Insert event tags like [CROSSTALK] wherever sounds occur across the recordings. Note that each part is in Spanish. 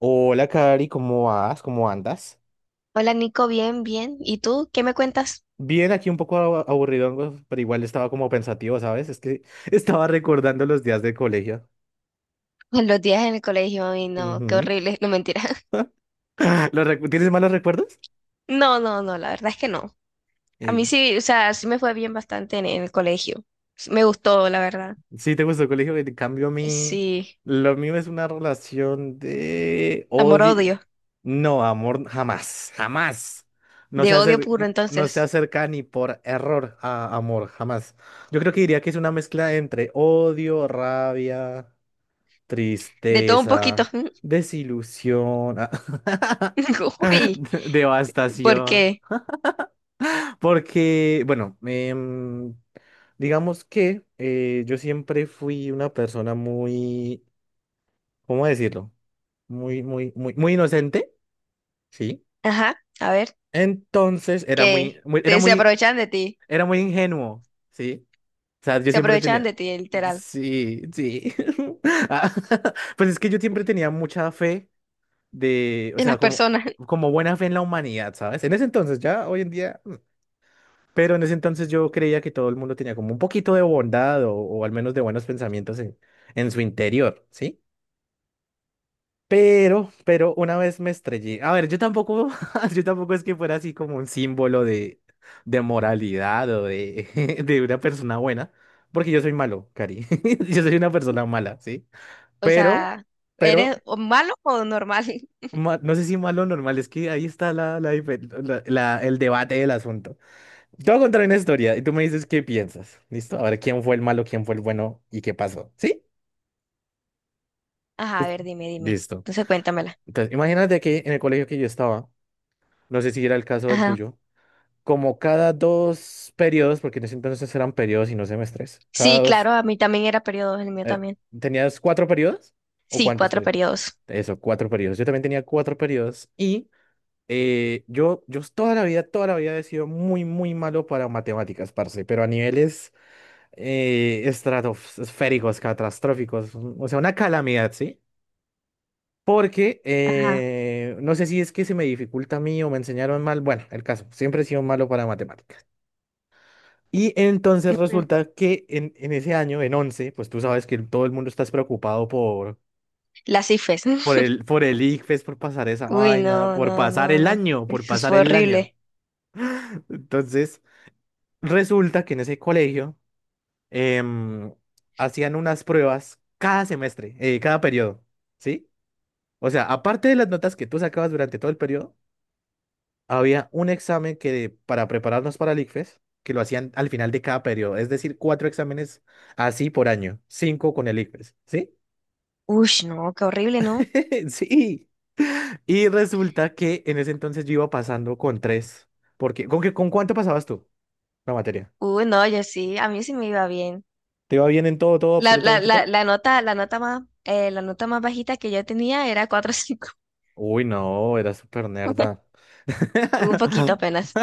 Hola, Cari, ¿cómo vas? ¿Cómo andas? Hola Nico, bien, bien. ¿Y tú qué me cuentas? Bien, aquí un poco aburridongo, pero igual estaba como pensativo, ¿sabes? Es que [LAUGHS] estaba recordando los días de colegio. [LAUGHS] Los días en el colegio, ay no, qué Ujú. horrible, no mentira. [LAUGHS] [LAUGHS] ¿Tienes malos recuerdos? No, no, no, la verdad es que no. A Eh, mí sí, o sea, sí me fue bien bastante en el colegio. Sí, me gustó, la verdad. sí, te gustó el colegio, en cambio a mí, Sí, lo mío es una relación de odio. amor-odio, No, amor, jamás, jamás. No de se odio puro acer- no se entonces, acerca ni por error a amor, jamás. Yo creo que diría que es una mezcla entre odio, rabia, de todo un poquito. tristeza, desilusión, [LAUGHS] [LAUGHS] Uy, ¿por devastación. qué? Porque, digamos que yo siempre fui una persona muy, ¿cómo decirlo? Muy inocente, ¿sí? Ajá, a ver, Entonces era que muy, muy- era te, se muy, aprovechan de ti, era muy ingenuo, ¿sí? O sea, yo se siempre aprovechan tenía, de ti, literal, sí, sí. [LAUGHS] Ah, [LAUGHS] pues es que yo siempre tenía mucha fe de, o en sea, las como, personas. [LAUGHS] como buena fe en la humanidad, ¿sabes? En ese entonces, ya hoy en día, pero en ese entonces yo creía que todo el mundo tenía como un poquito de bondad o al menos de buenos pensamientos en su interior, ¿sí? Pero una vez me estrellé. A ver, yo tampoco, [LAUGHS] yo tampoco es que fuera así como un símbolo de moralidad o de, [LAUGHS] de una persona buena, porque yo soy malo, Cari. [LAUGHS] Yo soy una persona mala, ¿sí? O Pero, sea, pero ¿eres o malo o normal? [LAUGHS] No sé si malo o normal, es que ahí está la, la dife- la- la- el debate del asunto. Te voy a contar una historia y tú me dices qué piensas. ¿Listo? A ver quién fue el malo, quién fue el bueno y qué pasó. ¿Sí? Ajá, a ver, dime, dime. Listo. Entonces cuéntamela. Entonces, imagínate que en el colegio que yo estaba, no sé si era el caso del Ajá. tuyo, como cada dos periodos, porque en ese entonces eran periodos y no semestres, cada Sí, dos, claro, a mí también era periodo, el mío era- también. ¿tenías cuatro periodos? ¿O Sí, cuántos cuatro periodos? periodos. Eso, cuatro periodos. Yo también tenía cuatro periodos y yo toda la vida he sido muy malo para matemáticas, parce, pero a niveles estratosféricos, catastróficos, o sea, una calamidad, ¿sí? Porque Ajá. No sé si es que se me dificulta a mí o me enseñaron mal, bueno, el caso, siempre he sido malo para matemáticas. Y entonces Ujú. resulta que en ese año, en 11 pues tú sabes que todo el mundo está preocupado por, Las IFES. [LAUGHS] Por el ICFES, por pasar esa Uy, vaina, no, no, no, no. Por Eso pasar fue el año. horrible. [LAUGHS] Entonces… resulta que en ese colegio em, hacían unas pruebas cada semestre, cada periodo, ¿sí? O sea, aparte de las notas que tú sacabas durante todo el periodo, había un examen que para prepararnos para el ICFES, que lo hacían al final de cada periodo, es decir, cuatro exámenes así por año, cinco con el ICFES, ¿sí? Uy, no, qué horrible, ¿no? [LAUGHS] Sí. Y resulta que en ese entonces yo iba pasando con tres, porque ¿con qué, con cuánto pasabas tú la materia? Uy, no, yo sí, a mí sí me iba bien. ¿Te iba bien en todo, todo, La, la, absolutamente la, todo? la nota más bajita que yo tenía era cuatro cinco. Uy, no, era súper nerda. [LAUGHS] Un poquito [LAUGHS] apenas.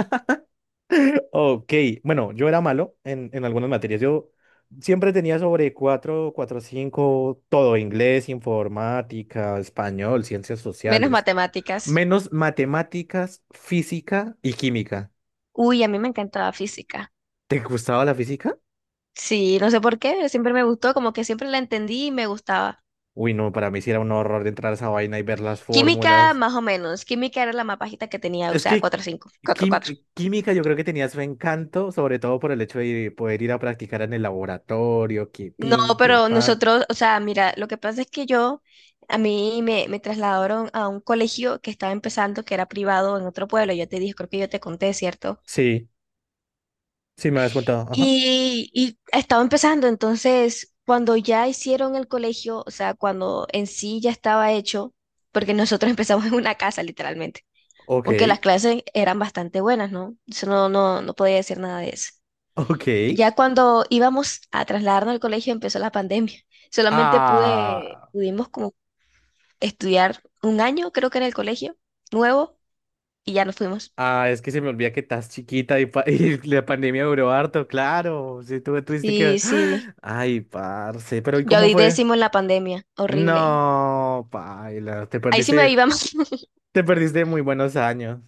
Ok, bueno, yo era malo en algunas materias. Yo siempre tenía sobre 4, 4 5, todo, inglés, informática, español, ciencias Menos sociales, matemáticas. menos matemáticas, física y química. Uy, a mí me encantaba física. ¿Te gustaba la física? Sí, no sé por qué, siempre me gustó, como que siempre la entendí y me gustaba. Uy, no, para mí sí era un horror de entrar a esa vaina y ver las Química, fórmulas. más o menos. Química era la más bajita que tenía, o Es sea, que cuatro cinco, cuatro cuatro. Química yo creo que tenía su encanto, sobre todo por el hecho de poder ir a practicar en el laboratorio, que No, pin, que pero pa. nosotros, o sea, mira, lo que pasa es que yo, a mí me trasladaron a un colegio que estaba empezando, que era privado en otro pueblo. Yo te dije, creo que yo te conté, ¿cierto? Sí, sí me habías contado. Ajá. Y estaba empezando, entonces, cuando ya hicieron el colegio, o sea, cuando en sí ya estaba hecho, porque nosotros [LAUGHS] empezamos en una casa, literalmente. Ok, Aunque las [LAUGHS] clases eran bastante buenas, ¿no? Eso no, no, no podía decir nada de eso. ok. Ya cuando íbamos a trasladarnos al colegio empezó la pandemia. Solamente pude, Ah, pudimos como estudiar un año, creo que en el colegio, nuevo, y ya nos fuimos. ah, es que se me olvida que estás chiquita y, [LAUGHS] y la pandemia duró harto, claro. Sí, tú tuviste que… Sí, sí. [GASPS] Ay, parce, pero ¿y Yo cómo di fue? décimo en la pandemia, horrible. No, paila, Ahí sí me iba mal. [LAUGHS] te perdiste muy buenos años.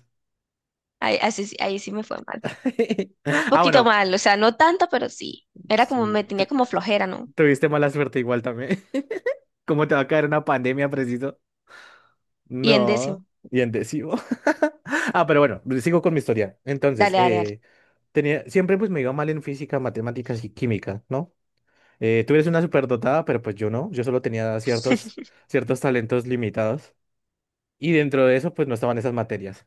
Ahí, así sí- ahí sí me fue mal. [LAUGHS] Ah, Poquito bueno, mal, o sea, no tanto, pero sí. Era como, sí, me tenía como flojera, ¿no? tuviste mala suerte igual también. [LAUGHS] ¿Cómo te va a caer una pandemia, preciso? Y en décimo. No, y endecivo. [LAUGHS] Ah, pero bueno, sigo con mi historia. Entonces, Dale, dale, dale. Tenía, siempre pues me iba mal en física, matemáticas y química, ¿no? Tú eres una superdotada, pero pues yo no, yo solo tenía ciertos, ciertos talentos limitados. Y dentro de eso, pues no estaban esas materias.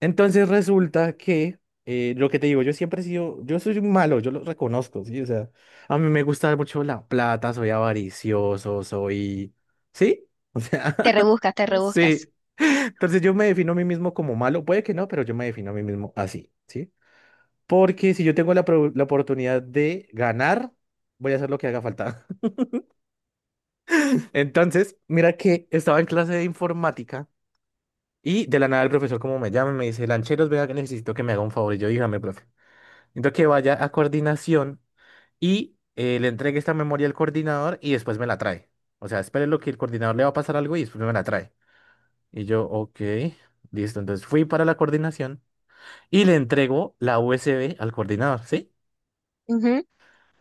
Entonces resulta que lo que te digo, yo siempre he sido, yo soy un malo, yo lo reconozco, ¿sí? O sea, a mí me gusta mucho la plata, soy avaricioso, soy… ¿Sí? O sea, Te rebuscas, te [LAUGHS] rebuscas. sí. Entonces yo me defino a mí mismo como malo, puede que no, pero yo me defino a mí mismo así, ¿sí? Porque si yo tengo la oportunidad de ganar, voy a hacer lo que haga falta. [LAUGHS] Entonces, mira que estaba en clase de informática y de la nada el profesor como me llama y me dice, Lancheros, vea que necesito que me haga un favor. Y yo, dígame, profe. Entonces que vaya a coordinación y le entregue esta memoria al coordinador y después me la trae. O sea, espere lo que el coordinador le va a pasar algo y después me la trae. Y yo, ok, listo. Entonces fui para la coordinación y le entrego la USB al coordinador, ¿sí? Ujú,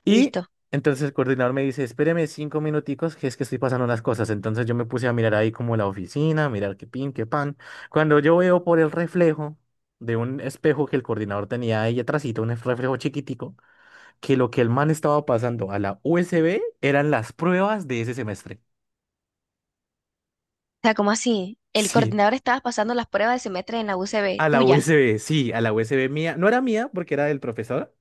Y listo. O entonces el coordinador me dice, espéreme cinco minuticos, que es que estoy pasando unas cosas. Entonces yo me puse a mirar ahí como la oficina, mirar qué pin, qué pan. Cuando yo veo por el reflejo de un espejo que el coordinador tenía ahí atrásito, un reflejo chiquitico, que lo que el man estaba pasando a la USB eran las pruebas de ese semestre. sea, ¿cómo así? El Sí, coordinador estaba pasando las pruebas de semestre en la UCB, a la tuya. USB, sí, a la USB mía. No era mía porque era del profesor,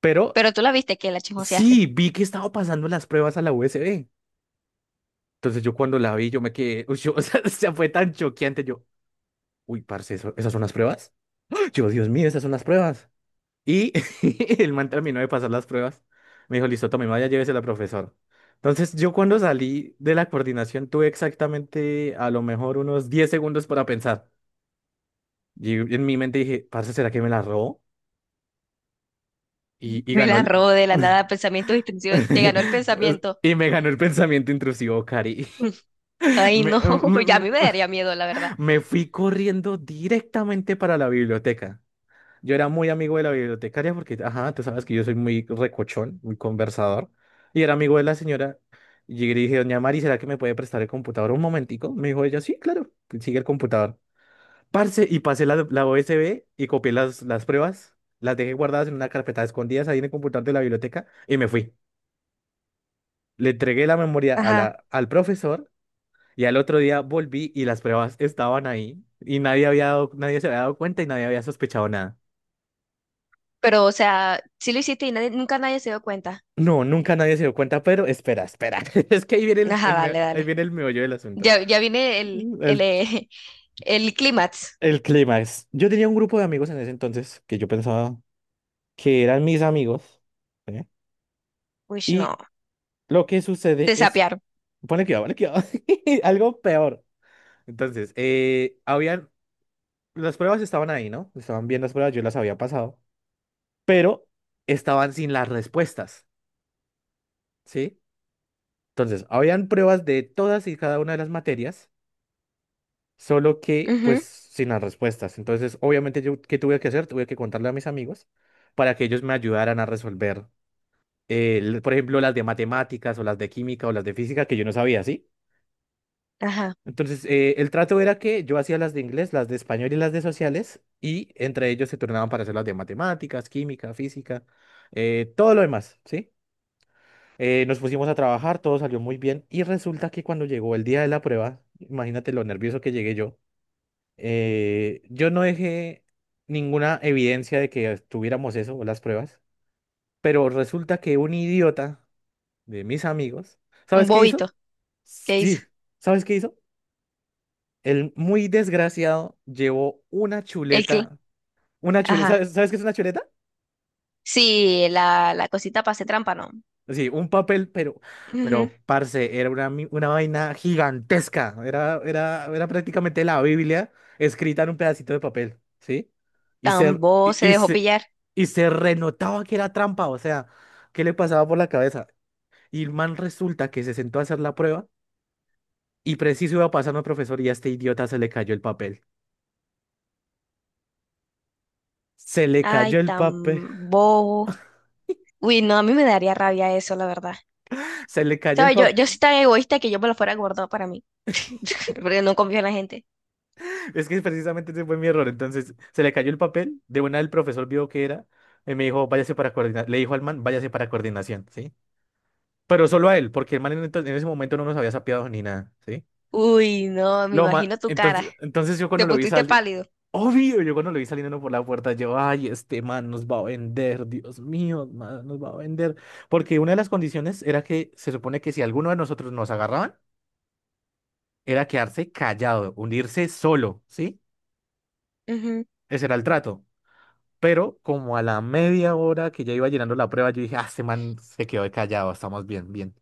pero Pero tú la viste que la chismoseaste. sí, vi que estaba pasando las pruebas a la USB. Entonces yo cuando la vi, yo me quedé, uy, [LAUGHS] o sea, fue tan choqueante, yo, uy, parce, ¿esas son las pruebas? [GASPS] Yo, Dios mío, esas son las pruebas. Y [LAUGHS] el man terminó de pasar las pruebas. Me dijo, listo, tome, vaya, llévese la profesora. Entonces, yo cuando salí de la coordinación tuve exactamente a lo mejor unos 10 segundos para pensar. Y en mi mente dije, parce, ¿será que me la robó? [LAUGHS] Y Me ganó la el… robó de la nada, pensamiento distintivo. Te ganó el [LAUGHS] pensamiento. y me ganó el pensamiento intrusivo, Cari. Mm. [LAUGHS] Ay, Me, no, [LAUGHS] ya a mí me daría miedo, la verdad. [LAUGHS] me fui corriendo directamente para la biblioteca. Yo era muy amigo de la bibliotecaria porque, ajá, tú sabes que yo soy muy recochón, muy conversador. Y era amigo de la señora. Y llegué y le dije, doña Mari, ¿será que me puede prestar el computador un momentico? Me dijo ella, sí, claro, sigue el computador. Parce, y pasé la USB y copié las pruebas. Las dejé guardadas en una carpeta escondidas ahí en el computador de la biblioteca y me fui. Le entregué la memoria Ajá, al profesor y al otro día volví y las pruebas estaban ahí. Y nadie se había dado cuenta y nadie había sospechado. pero o sea, sí lo hiciste y nadie, nunca nadie se dio cuenta. No, nunca nadie se dio cuenta, pero espera, espera. [LAUGHS] Es que ahí viene Ajá, dale, ahí dale. viene el meollo del asunto. Ya viene El, [LAUGHS] el clímax. el clímax. Yo tenía un grupo de amigos en ese entonces que yo pensaba que eran mis amigos. ¿Eh? Uy, no, Y lo que sucede te es… sapearon. pone cuidado, pone cuidado. [LAUGHS] Algo peor. Entonces, habían… las pruebas estaban ahí, ¿no? Estaban bien las pruebas, yo las había pasado. Pero estaban sin las respuestas, ¿sí? Entonces, habían pruebas de todas y cada una de las materias solo que pues Ujú. sin las respuestas. Entonces, obviamente yo, ¿qué tuve que hacer? Tuve que contarle a mis amigos para que ellos me ayudaran a resolver, por ejemplo, las de matemáticas o las de química o las de física que yo no sabía, ¿sí? Ajá, Entonces, el trato era que yo hacía las de inglés, las de español y las de sociales y entre ellos se turnaban para hacer las de matemáticas, química, física, todo lo demás, ¿sí? Nos pusimos a trabajar, todo salió muy bien y resulta que cuando llegó el día de la prueba, imagínate lo nervioso que llegué yo. Yo no dejé ninguna evidencia de que tuviéramos eso o las pruebas, pero resulta que un idiota de mis amigos, un ¿sabes qué hizo? bobito, ¿qué hizo? Sí, ¿sabes qué hizo? El muy desgraciado llevó El cl- una chuleta, Ajá, ¿sabes, sabes qué es una chuleta? sí, la cosita para hacer trampa, ¿no? Sí, un papel, Ujú. pero, parce, era una, una vaina gigantesca. Era prácticamente la Biblia escrita en un pedacito de papel, ¿sí? Y Tan bobo se dejó pillar. Se renotaba que era trampa, o sea, ¿qué le pasaba por la cabeza? Y el man resulta que se sentó a hacer la prueba y preciso iba pasando al profesor y a este idiota se le cayó el papel. Se le Ay, cayó el tan papel, bobo. Uy, no, a mí me daría rabia eso, la verdad. [LAUGHS] se le cayó el ¿Sabes? Yo soy papel. tan egoísta que yo me lo fuera guardado para mí. [LAUGHS] Porque no confío en la gente. Es que precisamente ese fue mi error. Entonces, se le cayó el papel. De una, el profesor vio que era. Y me dijo, váyase para coordinación. Le dijo al man, váyase para coordinación, ¿sí? Pero solo a él, porque el man en ese momento no nos había sapeado ni nada, ¿sí? Uy, no, me imagino tu cara. Entonces yo Te cuando lo vi pusiste salir. pálido. Obvio, yo cuando lo vi saliendo por la puerta, yo, ay, este man nos va a vender, Dios mío, man, nos va a vender. Porque una de las condiciones era que se supone que si alguno de nosotros nos agarraban, era quedarse callado, unirse solo, ¿sí? Ujú. Ese era el trato. Pero como a la media hora que ya iba llenando la prueba, yo dije, ah, este man se quedó callado, estamos bien.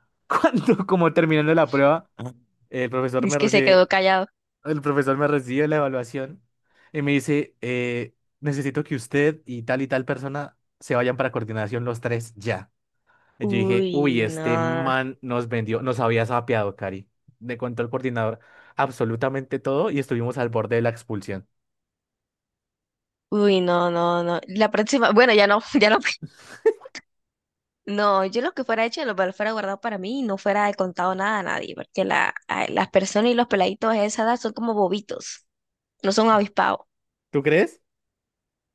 [LAUGHS] Cuando, como terminando la prueba, el profesor Dice me que se quedó recibe, callado. el profesor me recibe la evaluación y me dice, necesito que usted y tal persona se vayan para coordinación los tres ya. Y yo dije, uy, Uy, este no. man nos vendió, nos había sapeado, Cari. Me contó el coordinador absolutamente todo y estuvimos al borde de la expulsión. Uy, no, no, no. La próxima, bueno, ya no, [LAUGHS] ya no. No, yo lo que fuera hecho, lo que fuera guardado para mí y no fuera contado nada a nadie, porque las personas y los peladitos de esa edad son como bobitos, no son avispados. ¿Tú crees?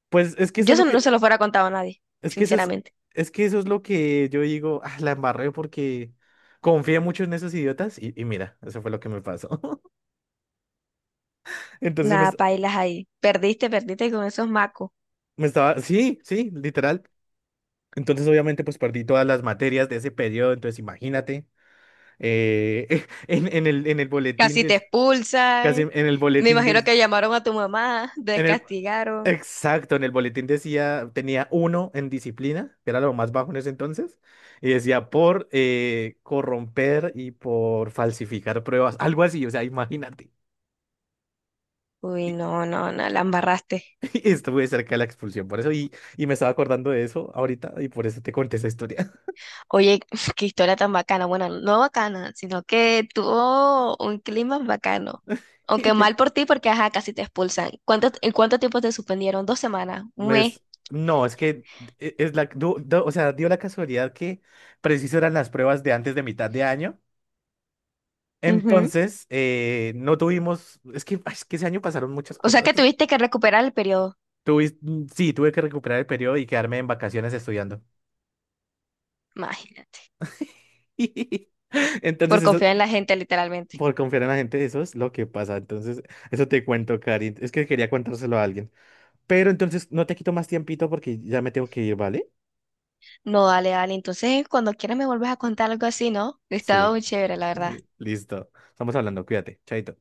Pues Yo eso no se lo fuera contado a nadie, es que eso sinceramente. es que eso es lo que yo digo, ah, la embarré porque confié mucho en esos idiotas y mira, eso fue lo que me pasó. [LAUGHS] Entonces me, Nada, est- pailas ahí. Perdiste, perdiste con esos macos. me estaba, sí, sí, literal. Entonces obviamente pues perdí todas las materias de ese periodo, entonces imagínate, [LAUGHS] en el boletín Casi te de, casi expulsan. en el Me boletín imagino de, que llamaron a tu mamá, [LAUGHS] te en el, descastigaron. exacto, en el boletín decía, tenía uno en disciplina, que era lo más bajo en ese entonces, y decía por corromper y por falsificar pruebas, algo así, o sea, imagínate. Uy, Y, no, no, no, la embarraste. [LAUGHS] y estuve cerca de la expulsión, por eso, y me estaba acordando de eso ahorita, y por eso te conté esa historia. Oye, [LAUGHS] qué historia tan bacana. Bueno, no bacana, sino que tuvo un clima bacano. Aunque mal por [LAUGHS] ti, porque ajá, casi te expulsan. ¿En cuánto tiempo te suspendieron? ¿2 semanas? ¿Un Me mes? es- no, es que es o sea, dio la casualidad que preciso eran las pruebas de antes de mitad de año. Ujú. Entonces, no tuvimos, es que, ay, es que ese año pasaron muchas O sea cosas. que tuviste que recuperar el periodo. Tuve, sí, tuve que recuperar el periodo y quedarme en vacaciones estudiando. Imagínate. [LAUGHS] Entonces, Por eso, confiar en la gente, literalmente. por confiar en la gente, eso es lo que pasa. Entonces, eso te cuento, Cari. Es que quería contárselo a alguien. Pero entonces, no te quito más tiempito porque ya me tengo que ir, ¿vale? No, dale, dale. Entonces, cuando quieras me vuelves a contar algo así, ¿no? Estaba Sí, muy chévere, la verdad. Listo. Estamos hablando, cuídate, chaito.